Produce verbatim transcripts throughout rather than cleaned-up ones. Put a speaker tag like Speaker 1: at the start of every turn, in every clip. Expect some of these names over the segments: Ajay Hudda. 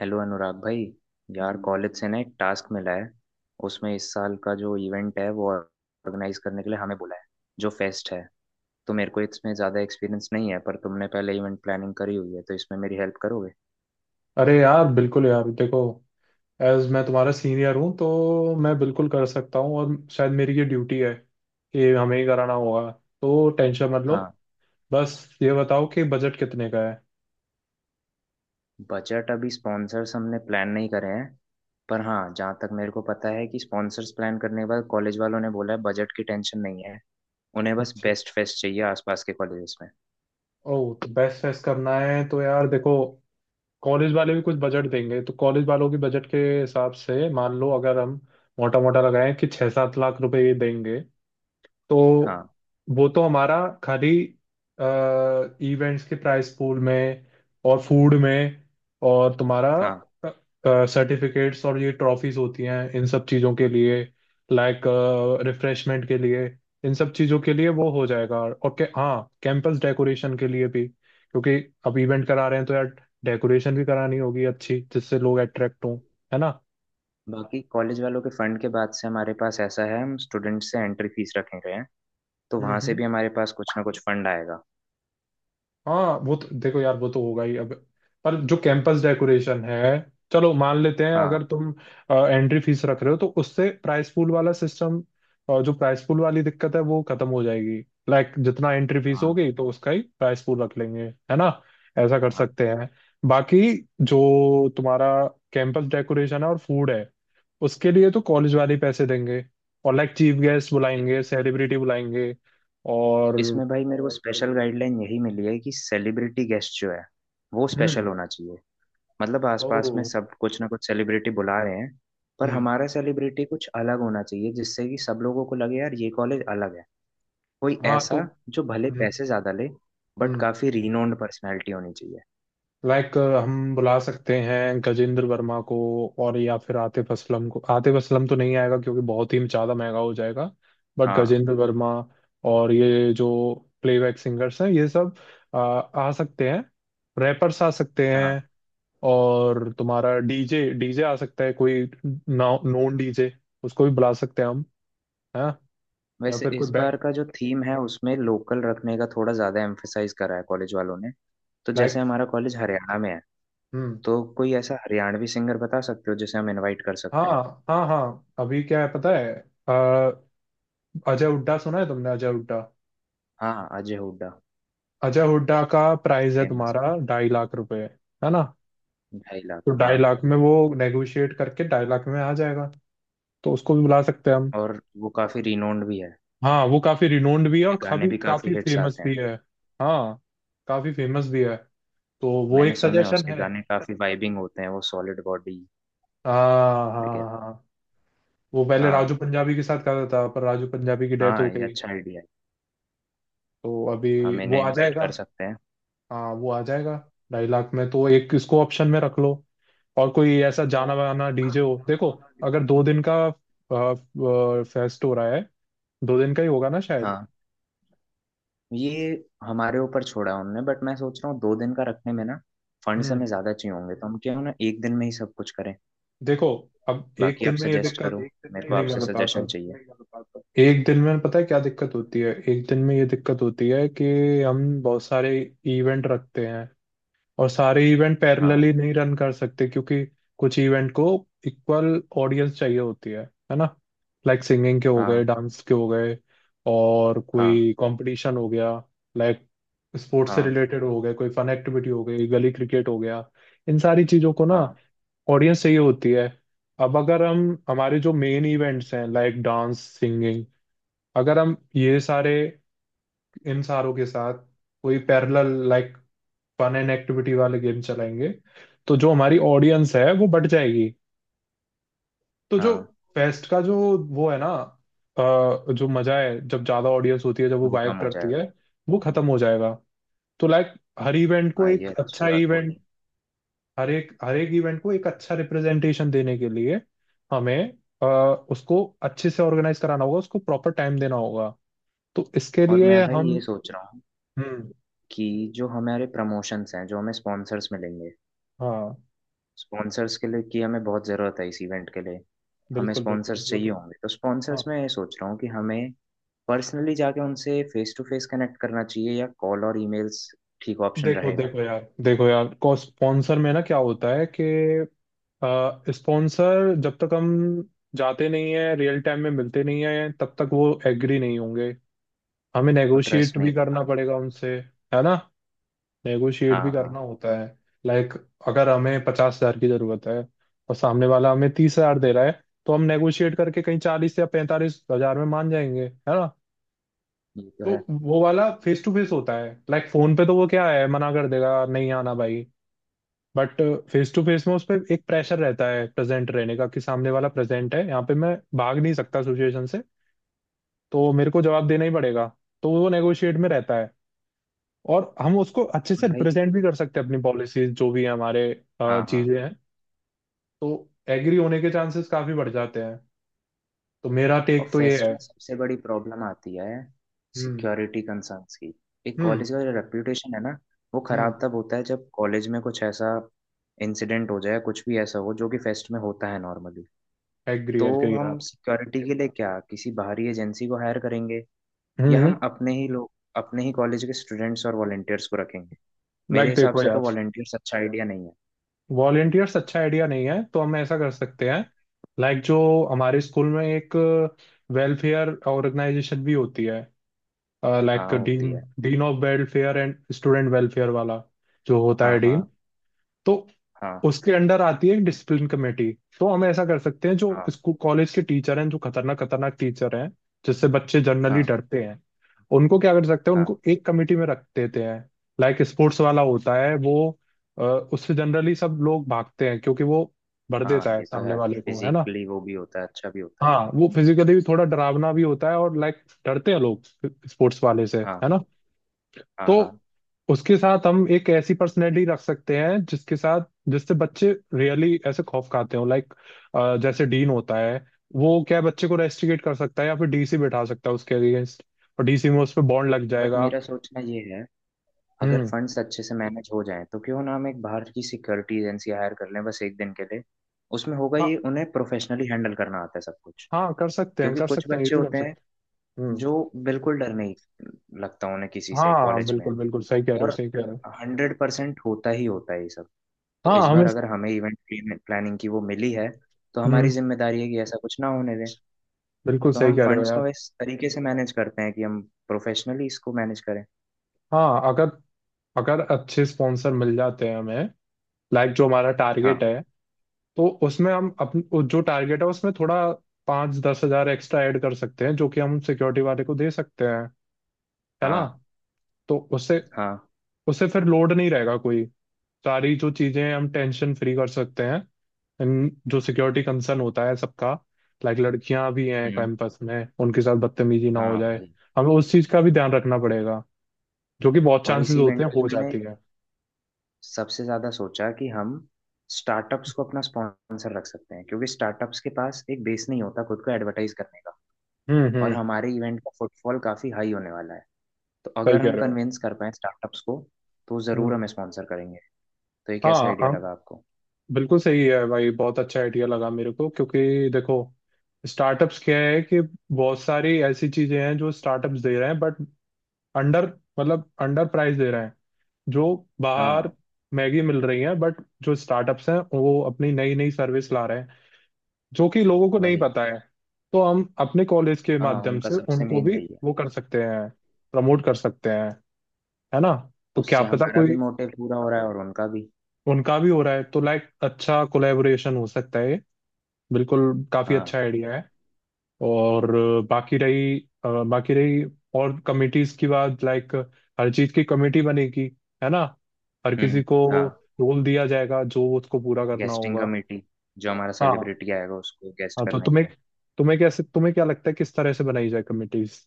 Speaker 1: Hello Anurag भाई। यार college से ना एक टास्क मिला है। उसमें इस साल का जो इवेंट है वो ऑर्गेनाइज करने के लिए हमें बुलाया है। जो फेस्ट है। तो मेरे को इसमें ज़्यादा एक्सपीरियंस नहीं है, पर तुमने पहले इवेंट प्लानिंग करी हुई है, तो इसमें मेरी हेल्प करोगे?
Speaker 2: अरे यार, बिल्कुल यार, देखो। एज मैं तुम्हारा सीनियर हूँ, तो मैं बिल्कुल कर सकता हूँ, और शायद मेरी ये ड्यूटी है कि हमें ही कराना होगा। तो टेंशन मत लो।
Speaker 1: हाँ।
Speaker 2: बस ये बताओ कि बजट कितने का है।
Speaker 1: बजट अभी स्पॉन्सर्स हमने प्लान नहीं करे हैं, पर हाँ, जहाँ तक मेरे को पता है कि स्पॉन्सर्स प्लान करने के बाद कॉलेज वालों ने बोला है बजट की टेंशन नहीं है। उन्हें बस
Speaker 2: अच्छा।
Speaker 1: बेस्ट फेस्ट चाहिए आसपास के कॉलेजेस में।
Speaker 2: ओह, तो बेस्ट फेस्ट करना है तो यार देखो, कॉलेज वाले भी कुछ बजट देंगे, तो कॉलेज वालों के बजट के हिसाब से मान लो, अगर हम मोटा मोटा लगाएं कि छः सात लाख रुपए ये देंगे, तो
Speaker 1: हाँ।
Speaker 2: वो तो हमारा खाली इवेंट्स के प्राइस पूल में और फूड में और तुम्हारा
Speaker 1: हाँ।
Speaker 2: सर्टिफिकेट्स और ये ट्रॉफीज होती हैं, इन सब चीज़ों के लिए, लाइक रिफ्रेशमेंट के लिए, इन सब चीज़ों के लिए वो हो जाएगा। और के, हाँ, कैंपस डेकोरेशन के लिए भी, क्योंकि अब इवेंट करा रहे हैं तो यार, डेकोरेशन भी करानी होगी अच्छी, जिससे लोग अट्रैक्ट हों, है
Speaker 1: बाकी कॉलेज वालों के फंड के बाद से हमारे पास ऐसा है हम स्टूडेंट से एंट्री फीस रखे गए हैं। तो वहां से
Speaker 2: ना।
Speaker 1: भी हमारे पास कुछ ना कुछ फंड आएगा।
Speaker 2: हाँ, वो तो देखो यार, वो तो होगा ही अब। पर जो कैंपस डेकोरेशन है, चलो मान लेते हैं, अगर
Speaker 1: हाँ।
Speaker 2: तुम एंट्री फीस रख रहे हो तो उससे प्राइस पूल वाला सिस्टम, जो प्राइस पूल वाली दिक्कत है, वो खत्म हो जाएगी। लाइक, जितना एंट्री फीस
Speaker 1: हाँ।
Speaker 2: होगी तो उसका ही प्राइस पूल रख लेंगे, है ना। ऐसा कर
Speaker 1: हाँ।
Speaker 2: सकते हैं। बाकी जो तुम्हारा कैंपस डेकोरेशन है और फूड है, उसके लिए तो कॉलेज वाले ही पैसे देंगे। और लाइक, चीफ गेस्ट बुलाएंगे, सेलिब्रिटी बुलाएंगे और
Speaker 1: इसमें भाई मेरे को स्पेशल गाइडलाइन यही मिली है कि सेलिब्रिटी गेस्ट जो है वो स्पेशल
Speaker 2: हम्म।
Speaker 1: होना चाहिए। मतलब
Speaker 2: ओ।
Speaker 1: आसपास में सब कुछ ना कुछ सेलिब्रिटी बुला रहे हैं। पर
Speaker 2: हम्म।
Speaker 1: हमारा सेलिब्रिटी कुछ अलग होना चाहिए जिससे कि सब लोगों को लगे यार ये कॉलेज अलग है। कोई
Speaker 2: हाँ, तो
Speaker 1: ऐसा जो भले
Speaker 2: हम्म।
Speaker 1: पैसे ज्यादा ले, बट
Speaker 2: हम्म।
Speaker 1: काफी रिनोन्ड पर्सनैलिटी होनी चाहिए।
Speaker 2: लाइक, हम बुला सकते हैं गजेंद्र वर्मा को, और या फिर आतिफ असलम को। आतिफ असलम तो नहीं आएगा क्योंकि बहुत ही ज्यादा महंगा हो जाएगा। बट
Speaker 1: हाँ।
Speaker 2: गजेंद्र वर्मा और ये जो प्लेबैक सिंगर्स हैं ये सब आ, आ सकते हैं। रैपर्स आ सकते
Speaker 1: हाँ।
Speaker 2: हैं। और तुम्हारा डीजे डीजे आ सकता है कोई। नॉन डीजे, उसको भी बुला सकते हैं हम, है। या
Speaker 1: वैसे
Speaker 2: फिर कोई,
Speaker 1: इस बार का जो थीम है उसमें लोकल रखने का थोड़ा ज्यादा एम्फेसाइज करा है कॉलेज वालों ने। तो जैसे
Speaker 2: लाइक,
Speaker 1: हमारा कॉलेज हरियाणा में है,
Speaker 2: हम्म।
Speaker 1: तो कोई ऐसा हरियाणवी सिंगर बता सकते हो जिसे हम इनवाइट कर
Speaker 2: हाँ
Speaker 1: सकते हैं?
Speaker 2: हाँ हाँ। अभी क्या है पता है, अ, अजय हुड्डा सुना है तुमने? अजय हुड्डा।
Speaker 1: हाँ, अजय हुड्डा
Speaker 2: अजय हुड्डा का
Speaker 1: काफी
Speaker 2: प्राइस है
Speaker 1: फेमस है।
Speaker 2: तुम्हारा ढाई लाख रुपए, है ना।
Speaker 1: ढाई
Speaker 2: तो
Speaker 1: लाख हाँ।
Speaker 2: ढाई लाख में वो नेगोशिएट करके ढाई लाख में आ जाएगा। तो उसको भी बुला सकते हैं हम।
Speaker 1: और वो काफी रिनोन्ड भी है।
Speaker 2: हाँ वो काफी रिनोन्ड भी है और
Speaker 1: उसके गाने
Speaker 2: काफी
Speaker 1: भी
Speaker 2: काफी
Speaker 1: काफी हिट्स
Speaker 2: फेमस
Speaker 1: आते हैं।
Speaker 2: भी है। हाँ, काफी फेमस भी है। तो वो
Speaker 1: मैंने
Speaker 2: एक
Speaker 1: सुने हैं
Speaker 2: सजेशन
Speaker 1: उसके
Speaker 2: है।
Speaker 1: गाने काफी वाइबिंग होते हैं, वो सॉलिड बॉडी
Speaker 2: हाँ हाँ
Speaker 1: वगैरह।
Speaker 2: हाँ। वो पहले राजू
Speaker 1: हाँ।
Speaker 2: पंजाबी के साथ करता था पर राजू पंजाबी की डेथ
Speaker 1: हाँ,
Speaker 2: हो
Speaker 1: ये
Speaker 2: गई।
Speaker 1: अच्छा आइडिया है।
Speaker 2: तो अभी
Speaker 1: हम
Speaker 2: वो
Speaker 1: इन्हें
Speaker 2: आ
Speaker 1: इनवाइट
Speaker 2: जाएगा।
Speaker 1: कर सकते हैं।
Speaker 2: हाँ, वो आ जाएगा। ढाई लाख में, तो एक इसको ऑप्शन में रख लो। और कोई ऐसा जाना माना डीजे हो, देखो। अगर दो दिन का फेस्ट हो रहा है, दो दिन का ही होगा ना शायद।
Speaker 1: हाँ। ये हमारे ऊपर छोड़ा है उनने, बट मैं सोच रहा हूँ दो दिन का रखने में ना फंड्स
Speaker 2: हम्म।
Speaker 1: हमें ज्यादा चाहिए होंगे, तो हम क्यों ना एक दिन में ही सब कुछ करें।
Speaker 2: देखो, अब एक
Speaker 1: बाकी आप अब
Speaker 2: दिन में ये
Speaker 1: सजेस्ट करो।
Speaker 2: दिक्कत,
Speaker 1: मेरे को
Speaker 2: नहीं, मैं
Speaker 1: आपसे
Speaker 2: बताता
Speaker 1: सजेशन
Speaker 2: हूँ।
Speaker 1: चाहिए।
Speaker 2: एक दिन में पता है क्या दिक्कत होती है, एक दिन में ये दिक्कत होती है कि हम बहुत सारे इवेंट रखते हैं, और सारे इवेंट
Speaker 1: हाँ।
Speaker 2: पैरेलली नहीं रन कर सकते क्योंकि कुछ इवेंट को इक्वल ऑडियंस चाहिए होती है है ना। लाइक, सिंगिंग के हो
Speaker 1: हाँ।
Speaker 2: गए, डांस के हो गए, और
Speaker 1: हाँ।
Speaker 2: कोई कंपटीशन हो गया, लाइक स्पोर्ट्स से
Speaker 1: हाँ।
Speaker 2: रिलेटेड हो गए, कोई फन एक्टिविटी हो गई, गली क्रिकेट हो गया। इन सारी चीज़ों को ना
Speaker 1: हाँ।
Speaker 2: ऑडियंस चाहिए होती है। अब अगर हम, हमारे जो मेन इवेंट्स हैं लाइक डांस सिंगिंग, अगर हम ये सारे, इन सारों के साथ कोई parallel like fun and activity वाले गेम चलाएंगे, तो जो हमारी ऑडियंस है वो बढ़ जाएगी। तो जो
Speaker 1: हाँ।
Speaker 2: फेस्ट का जो वो है ना, अ, जो मजा है जब ज्यादा ऑडियंस होती है, जब वो
Speaker 1: वो
Speaker 2: वाइब
Speaker 1: कम हो
Speaker 2: करती है,
Speaker 1: जाएगा।
Speaker 2: वो खत्म हो जाएगा। तो लाइक, हर इवेंट को
Speaker 1: हाँ, ये
Speaker 2: एक
Speaker 1: अच्छी
Speaker 2: अच्छा
Speaker 1: बात
Speaker 2: इवेंट,
Speaker 1: बोली।
Speaker 2: हर एक हर एक इवेंट को एक अच्छा रिप्रेजेंटेशन देने के लिए हमें अ, उसको अच्छे से ऑर्गेनाइज कराना होगा, उसको प्रॉपर टाइम देना होगा। तो इसके
Speaker 1: और
Speaker 2: लिए
Speaker 1: मैं भाई
Speaker 2: हम,
Speaker 1: ये सोच रहा हूँ
Speaker 2: हम्म।
Speaker 1: कि जो हमारे प्रमोशंस हैं, जो हमें स्पॉन्सर्स मिलेंगे,
Speaker 2: हाँ
Speaker 1: स्पॉन्सर्स के लिए की हमें बहुत ज़रूरत है इस इवेंट के लिए। हमें
Speaker 2: बिल्कुल बिल्कुल,
Speaker 1: स्पॉन्सर्स
Speaker 2: वो तो
Speaker 1: चाहिए होंगे, तो
Speaker 2: हाँ।
Speaker 1: स्पॉन्सर्स में ये सोच रहा हूँ कि हमें पर्सनली जाके उनसे फेस टू फेस कनेक्ट करना चाहिए या कॉल और ईमेल्स ठीक ऑप्शन
Speaker 2: देखो
Speaker 1: रहेगा।
Speaker 2: देखो यार, देखो यार, को स्पॉन्सर में ना क्या होता है कि स्पॉन्सर जब तक हम जाते नहीं है, रियल टाइम में मिलते नहीं है, तब तक वो एग्री नहीं होंगे। हमें
Speaker 1: और ट्रस्ट
Speaker 2: नेगोशिएट
Speaker 1: नहीं
Speaker 2: भी
Speaker 1: कर
Speaker 2: करना
Speaker 1: पाते।
Speaker 2: पड़ेगा उनसे, है ना। नेगोशिएट
Speaker 1: हाँ,
Speaker 2: भी
Speaker 1: हाँ,
Speaker 2: करना होता है। लाइक, अगर हमें पचास हजार की जरूरत है और सामने वाला हमें तीस हजार दे रहा है, तो हम नेगोशिएट करके कहीं चालीस या पैंतालीस हजार में मान जाएंगे, है ना।
Speaker 1: ये तो है।
Speaker 2: तो वो वाला फेस टू फेस होता है। लाइक फोन पे तो वो क्या है, मना कर देगा, नहीं आना भाई। बट फेस टू फेस में उस पर एक प्रेशर रहता है प्रेजेंट रहने का, कि सामने वाला प्रेजेंट है, यहाँ पे मैं भाग नहीं सकता सिचुएशन से। तो मेरे को जवाब देना ही पड़ेगा। तो वो नेगोशिएट में रहता है। और हम उसको अच्छे
Speaker 1: और
Speaker 2: से
Speaker 1: भाई,
Speaker 2: रिप्रेजेंट भी कर सकते हैं, अपनी पॉलिसीज जो भी है हमारे अ,
Speaker 1: हाँ हाँ,
Speaker 2: चीजें हैं। तो एग्री होने के चांसेस काफी बढ़ जाते हैं। तो मेरा
Speaker 1: और
Speaker 2: टेक तो ये
Speaker 1: फेस्ट
Speaker 2: है।
Speaker 1: में सबसे बड़ी प्रॉब्लम आती है
Speaker 2: हम्म।
Speaker 1: सिक्योरिटी कंसर्न्स की। एक
Speaker 2: हम्म।
Speaker 1: कॉलेज का जो रेप्यूटेशन है ना, वो
Speaker 2: हम्म।
Speaker 1: खराब तब होता है जब कॉलेज में कुछ ऐसा इंसिडेंट हो जाए, कुछ भी ऐसा हो जो कि फेस्ट में होता है नॉर्मली।
Speaker 2: एग्री
Speaker 1: तो
Speaker 2: एग्री यार।
Speaker 1: हम सिक्योरिटी के लिए क्या किसी बाहरी एजेंसी को हायर करेंगे, या
Speaker 2: हम्म।
Speaker 1: हम अपने ही लोग, अपने ही कॉलेज के स्टूडेंट्स और वॉलेंटियर्स को रखेंगे? मेरे
Speaker 2: लाइक
Speaker 1: हिसाब
Speaker 2: देखो
Speaker 1: से तो
Speaker 2: यार,
Speaker 1: वॉलंटियर्स अच्छा आइडिया नहीं है।
Speaker 2: वॉलेंटियर्स अच्छा आइडिया नहीं है। तो हम ऐसा कर सकते हैं, लाइक जो हमारे स्कूल में एक वेलफेयर ऑर्गेनाइजेशन भी होती है, लाइक
Speaker 1: हाँ, होती
Speaker 2: डीन,
Speaker 1: है।
Speaker 2: Dean of welfare and student welfare वाला जो होता है
Speaker 1: हाँ। हाँ।
Speaker 2: डीन, तो
Speaker 1: हाँ।
Speaker 2: उसके अंडर आती है डिसिप्लिन कमेटी। तो हम ऐसा कर सकते हैं, जो
Speaker 1: हाँ।
Speaker 2: स्कूल कॉलेज के टीचर हैं, जो खतरनाक खतरनाक टीचर हैं जिससे बच्चे जनरली
Speaker 1: हाँ।
Speaker 2: डरते हैं, उनको क्या कर सकते हैं,
Speaker 1: हाँ।
Speaker 2: उनको एक कमेटी में रख देते हैं। लाइक स्पोर्ट्स वाला होता है वो, अ, उससे जनरली सब लोग भागते हैं क्योंकि वो भर
Speaker 1: हाँ,
Speaker 2: देता है
Speaker 1: ये तो
Speaker 2: सामने
Speaker 1: है।
Speaker 2: वाले को, है ना।
Speaker 1: फिजिकली वो भी होता है, अच्छा भी होता है।
Speaker 2: हाँ, वो फिजिकली भी थोड़ा डरावना भी होता है और लाइक डरते हैं लोग स्पोर्ट्स वाले से, है
Speaker 1: हाँ।
Speaker 2: ना।
Speaker 1: हाँ। हाँ।
Speaker 2: तो उसके साथ हम एक ऐसी पर्सनैलिटी रख सकते हैं जिसके साथ, जिससे बच्चे रियली ऐसे खौफ खाते हो, लाइक जैसे डीन होता है, वो क्या है, बच्चे को रेस्ट्रिकेट कर सकता है या फिर डीसी बैठा सकता है उसके अगेंस्ट, और डीसी में उस पर बॉन्ड लग
Speaker 1: बट
Speaker 2: जाएगा।
Speaker 1: मेरा सोचना ये है, अगर
Speaker 2: हम्म।
Speaker 1: फंड्स अच्छे से मैनेज हो जाएं तो क्यों ना हम एक बाहर की सिक्योरिटी एजेंसी हायर कर लें बस एक दिन के लिए। उसमें होगा
Speaker 2: हाँ
Speaker 1: ये, उन्हें प्रोफेशनली हैंडल करना आता है सब कुछ।
Speaker 2: हाँ, कर सकते हैं,
Speaker 1: क्योंकि
Speaker 2: कर
Speaker 1: कुछ
Speaker 2: सकते हैं, ये
Speaker 1: बच्चे
Speaker 2: भी कर
Speaker 1: होते हैं
Speaker 2: सकते हैं। हम्म।
Speaker 1: जो बिल्कुल डर नहीं लगता उन्हें किसी
Speaker 2: हाँ
Speaker 1: से
Speaker 2: हाँ,
Speaker 1: कॉलेज में।
Speaker 2: बिल्कुल बिल्कुल सही कह रहे हो,
Speaker 1: और
Speaker 2: सही कह रहे हो।
Speaker 1: हंड्रेड परसेंट होता ही होता है ये सब। तो
Speaker 2: हाँ
Speaker 1: इस
Speaker 2: हमें।
Speaker 1: बार अगर हमें इवेंट प्लानिंग की वो मिली है, तो हमारी
Speaker 2: हम्म।
Speaker 1: जिम्मेदारी है कि ऐसा कुछ ना होने दें।
Speaker 2: बिल्कुल
Speaker 1: तो
Speaker 2: सही
Speaker 1: हम
Speaker 2: कह रहे हो
Speaker 1: फंड्स
Speaker 2: यार।
Speaker 1: को इस तरीके से मैनेज करते हैं कि हम प्रोफेशनली इसको मैनेज करें।
Speaker 2: हाँ अगर, अगर अच्छे स्पॉन्सर मिल जाते हैं हमें, लाइक जो हमारा
Speaker 1: हाँ।
Speaker 2: टारगेट है, तो उसमें हम अपन जो टारगेट है उसमें थोड़ा पाँच दस हजार एक्स्ट्रा ऐड कर सकते हैं जो कि हम सिक्योरिटी वाले को दे सकते हैं, है ना।
Speaker 1: हाँ।
Speaker 2: तो उससे,
Speaker 1: हाँ।
Speaker 2: उससे फिर लोड नहीं रहेगा कोई। सारी जो चीजें हैं, हम टेंशन फ्री कर सकते हैं। इन- जो सिक्योरिटी कंसर्न होता है सबका, लाइक लड़कियां भी हैं
Speaker 1: हम्म।
Speaker 2: कैंपस में, उनके साथ बदतमीजी ना हो
Speaker 1: हाँ,
Speaker 2: जाए।
Speaker 1: वही।
Speaker 2: हमें उस चीज का भी ध्यान रखना पड़ेगा, जो कि बहुत
Speaker 1: और
Speaker 2: चांसेस
Speaker 1: इसी
Speaker 2: होते
Speaker 1: इवेंट
Speaker 2: हैं,
Speaker 1: के लिए
Speaker 2: हो
Speaker 1: मैंने
Speaker 2: जाती है।
Speaker 1: सबसे ज़्यादा सोचा कि हम स्टार्टअप्स को अपना स्पॉन्सर रख सकते हैं, क्योंकि स्टार्टअप्स के पास एक बेस नहीं होता खुद को एडवर्टाइज करने का।
Speaker 2: हम्म
Speaker 1: और
Speaker 2: हम्म,
Speaker 1: हमारे इवेंट का फुटफॉल काफ़ी हाई होने वाला है। तो
Speaker 2: सही
Speaker 1: अगर
Speaker 2: कह
Speaker 1: हम
Speaker 2: रहे हो।
Speaker 1: कन्विंस कर पाए स्टार्टअप्स को, तो ज़रूर
Speaker 2: हम्म।
Speaker 1: हमें स्पॉन्सर करेंगे। तो ये कैसा
Speaker 2: हाँ
Speaker 1: आइडिया
Speaker 2: हम,
Speaker 1: लगा आपको?
Speaker 2: बिल्कुल सही है भाई, बहुत अच्छा आइडिया लगा मेरे को। क्योंकि देखो, स्टार्टअप्स क्या है कि बहुत सारी ऐसी चीजें हैं जो स्टार्टअप्स दे रहे हैं, बट अंडर, मतलब अंडर प्राइस दे रहे हैं। जो बाहर
Speaker 1: हाँ,
Speaker 2: मैगी मिल रही है, बट जो स्टार्टअप्स हैं वो अपनी नई नई सर्विस ला रहे हैं जो कि लोगों को नहीं
Speaker 1: वही।
Speaker 2: पता है। तो हम अपने कॉलेज के
Speaker 1: हाँ,
Speaker 2: माध्यम
Speaker 1: उनका
Speaker 2: से
Speaker 1: सबसे
Speaker 2: उनको
Speaker 1: मेन
Speaker 2: भी
Speaker 1: वही है।
Speaker 2: वो कर सकते हैं, प्रमोट कर सकते हैं, है ना। तो क्या
Speaker 1: उससे
Speaker 2: पता
Speaker 1: हमारा भी
Speaker 2: कोई,
Speaker 1: मोटिव पूरा हो रहा है और उनका भी।
Speaker 2: उनका भी हो रहा है तो लाइक अच्छा कोलेबोरेशन हो सकता है। बिल्कुल। काफी
Speaker 1: हाँ।
Speaker 2: अच्छा आइडिया है। और अ, बाकी रही अ, बाकी रही और कमिटीज की बात। लाइक, हर चीज की कमेटी बनेगी, है ना। हर
Speaker 1: हम्म।
Speaker 2: किसी को
Speaker 1: हाँ।
Speaker 2: रोल दिया जाएगा जो उसको पूरा करना
Speaker 1: गेस्टिंग
Speaker 2: होगा।
Speaker 1: कमेटी, जो हमारा
Speaker 2: हाँ।
Speaker 1: सेलिब्रिटी आएगा उसको गेस्ट
Speaker 2: हाँ तो
Speaker 1: करने के
Speaker 2: तुम्हें,
Speaker 1: लिए।
Speaker 2: तुम्हें कैसे, तुम्हें क्या लगता है किस तरह से बनाई जाए कमिटीज।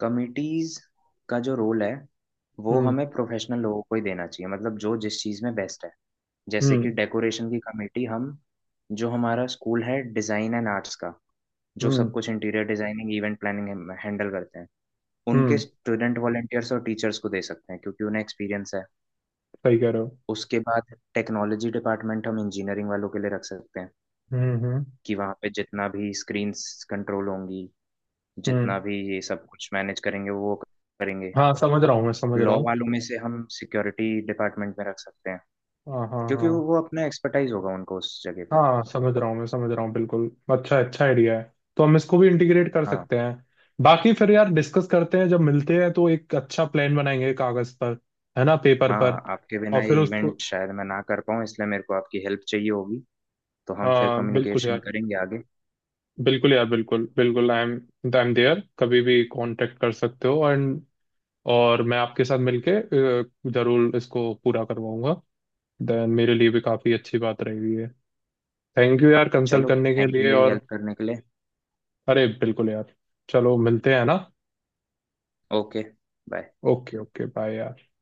Speaker 1: कमिटीज का जो रोल है वो
Speaker 2: हम्म
Speaker 1: हमें प्रोफेशनल लोगों को ही देना चाहिए, मतलब जो जिस चीज़ में बेस्ट है। जैसे कि
Speaker 2: हम्म
Speaker 1: डेकोरेशन की कमेटी हम, जो हमारा स्कूल है डिज़ाइन एंड आर्ट्स का, जो सब
Speaker 2: हम्म
Speaker 1: कुछ interior designing event planning handle करते हैं, उनके
Speaker 2: हम्म,
Speaker 1: स्टूडेंट वॉलेंटियर्स और टीचर्स को दे सकते हैं, क्योंकि उन्हें एक्सपीरियंस है।
Speaker 2: सही कह रहे हो।
Speaker 1: उसके बाद टेक्नोलॉजी डिपार्टमेंट हम इंजीनियरिंग वालों के लिए रख सकते हैं,
Speaker 2: हम्म हम्म
Speaker 1: कि वहाँ पे जितना भी स्क्रीन्स कंट्रोल होंगी, जितना
Speaker 2: हम्म।
Speaker 1: भी ये सब कुछ मैनेज करेंगे वो करेंगे।
Speaker 2: हाँ, समझ रहा हूँ, मैं समझ रहा
Speaker 1: लॉ
Speaker 2: हूँ।
Speaker 1: वालों में से हम सिक्योरिटी डिपार्टमेंट में रख सकते हैं,
Speaker 2: हाँ हाँ
Speaker 1: क्योंकि
Speaker 2: हाँ।
Speaker 1: वो वो अपना एक्सपर्टाइज होगा उनको उस जगह पे।
Speaker 2: हाँ, समझ रहा हूँ मैं, समझ रहा हूँ बिल्कुल, अच्छा अच्छा आइडिया है। तो हम इसको भी इंटीग्रेट कर
Speaker 1: हाँ।
Speaker 2: सकते हैं। बाकी फिर यार डिस्कस करते हैं, जब मिलते हैं तो एक अच्छा प्लान बनाएंगे कागज पर, है ना, पेपर
Speaker 1: हाँ,
Speaker 2: पर।
Speaker 1: आपके
Speaker 2: और
Speaker 1: बिना ये
Speaker 2: फिर उसको,
Speaker 1: इवेंट शायद मैं ना कर पाऊँ, इसलिए मेरे को आपकी हेल्प चाहिए होगी। तो हम फिर
Speaker 2: हाँ बिल्कुल
Speaker 1: कम्युनिकेशन
Speaker 2: यार,
Speaker 1: करेंगे आगे।
Speaker 2: बिल्कुल यार, बिल्कुल बिल्कुल, I am I am there, कभी भी कांटेक्ट कर सकते हो। एंड, और मैं आपके साथ मिलके अ, जरूर इसको पूरा करवाऊंगा। देन मेरे लिए भी काफी अच्छी बात रहेगी ये। थैंक यू यार, कंसल्ट
Speaker 1: चलो,
Speaker 2: करने के
Speaker 1: थैंक यू
Speaker 2: लिए
Speaker 1: मेरी
Speaker 2: और,
Speaker 1: हेल्प करने के लिए।
Speaker 2: अरे बिल्कुल यार, चलो मिलते हैं ना।
Speaker 1: Okay, bye.
Speaker 2: Okay. Okay bye यार।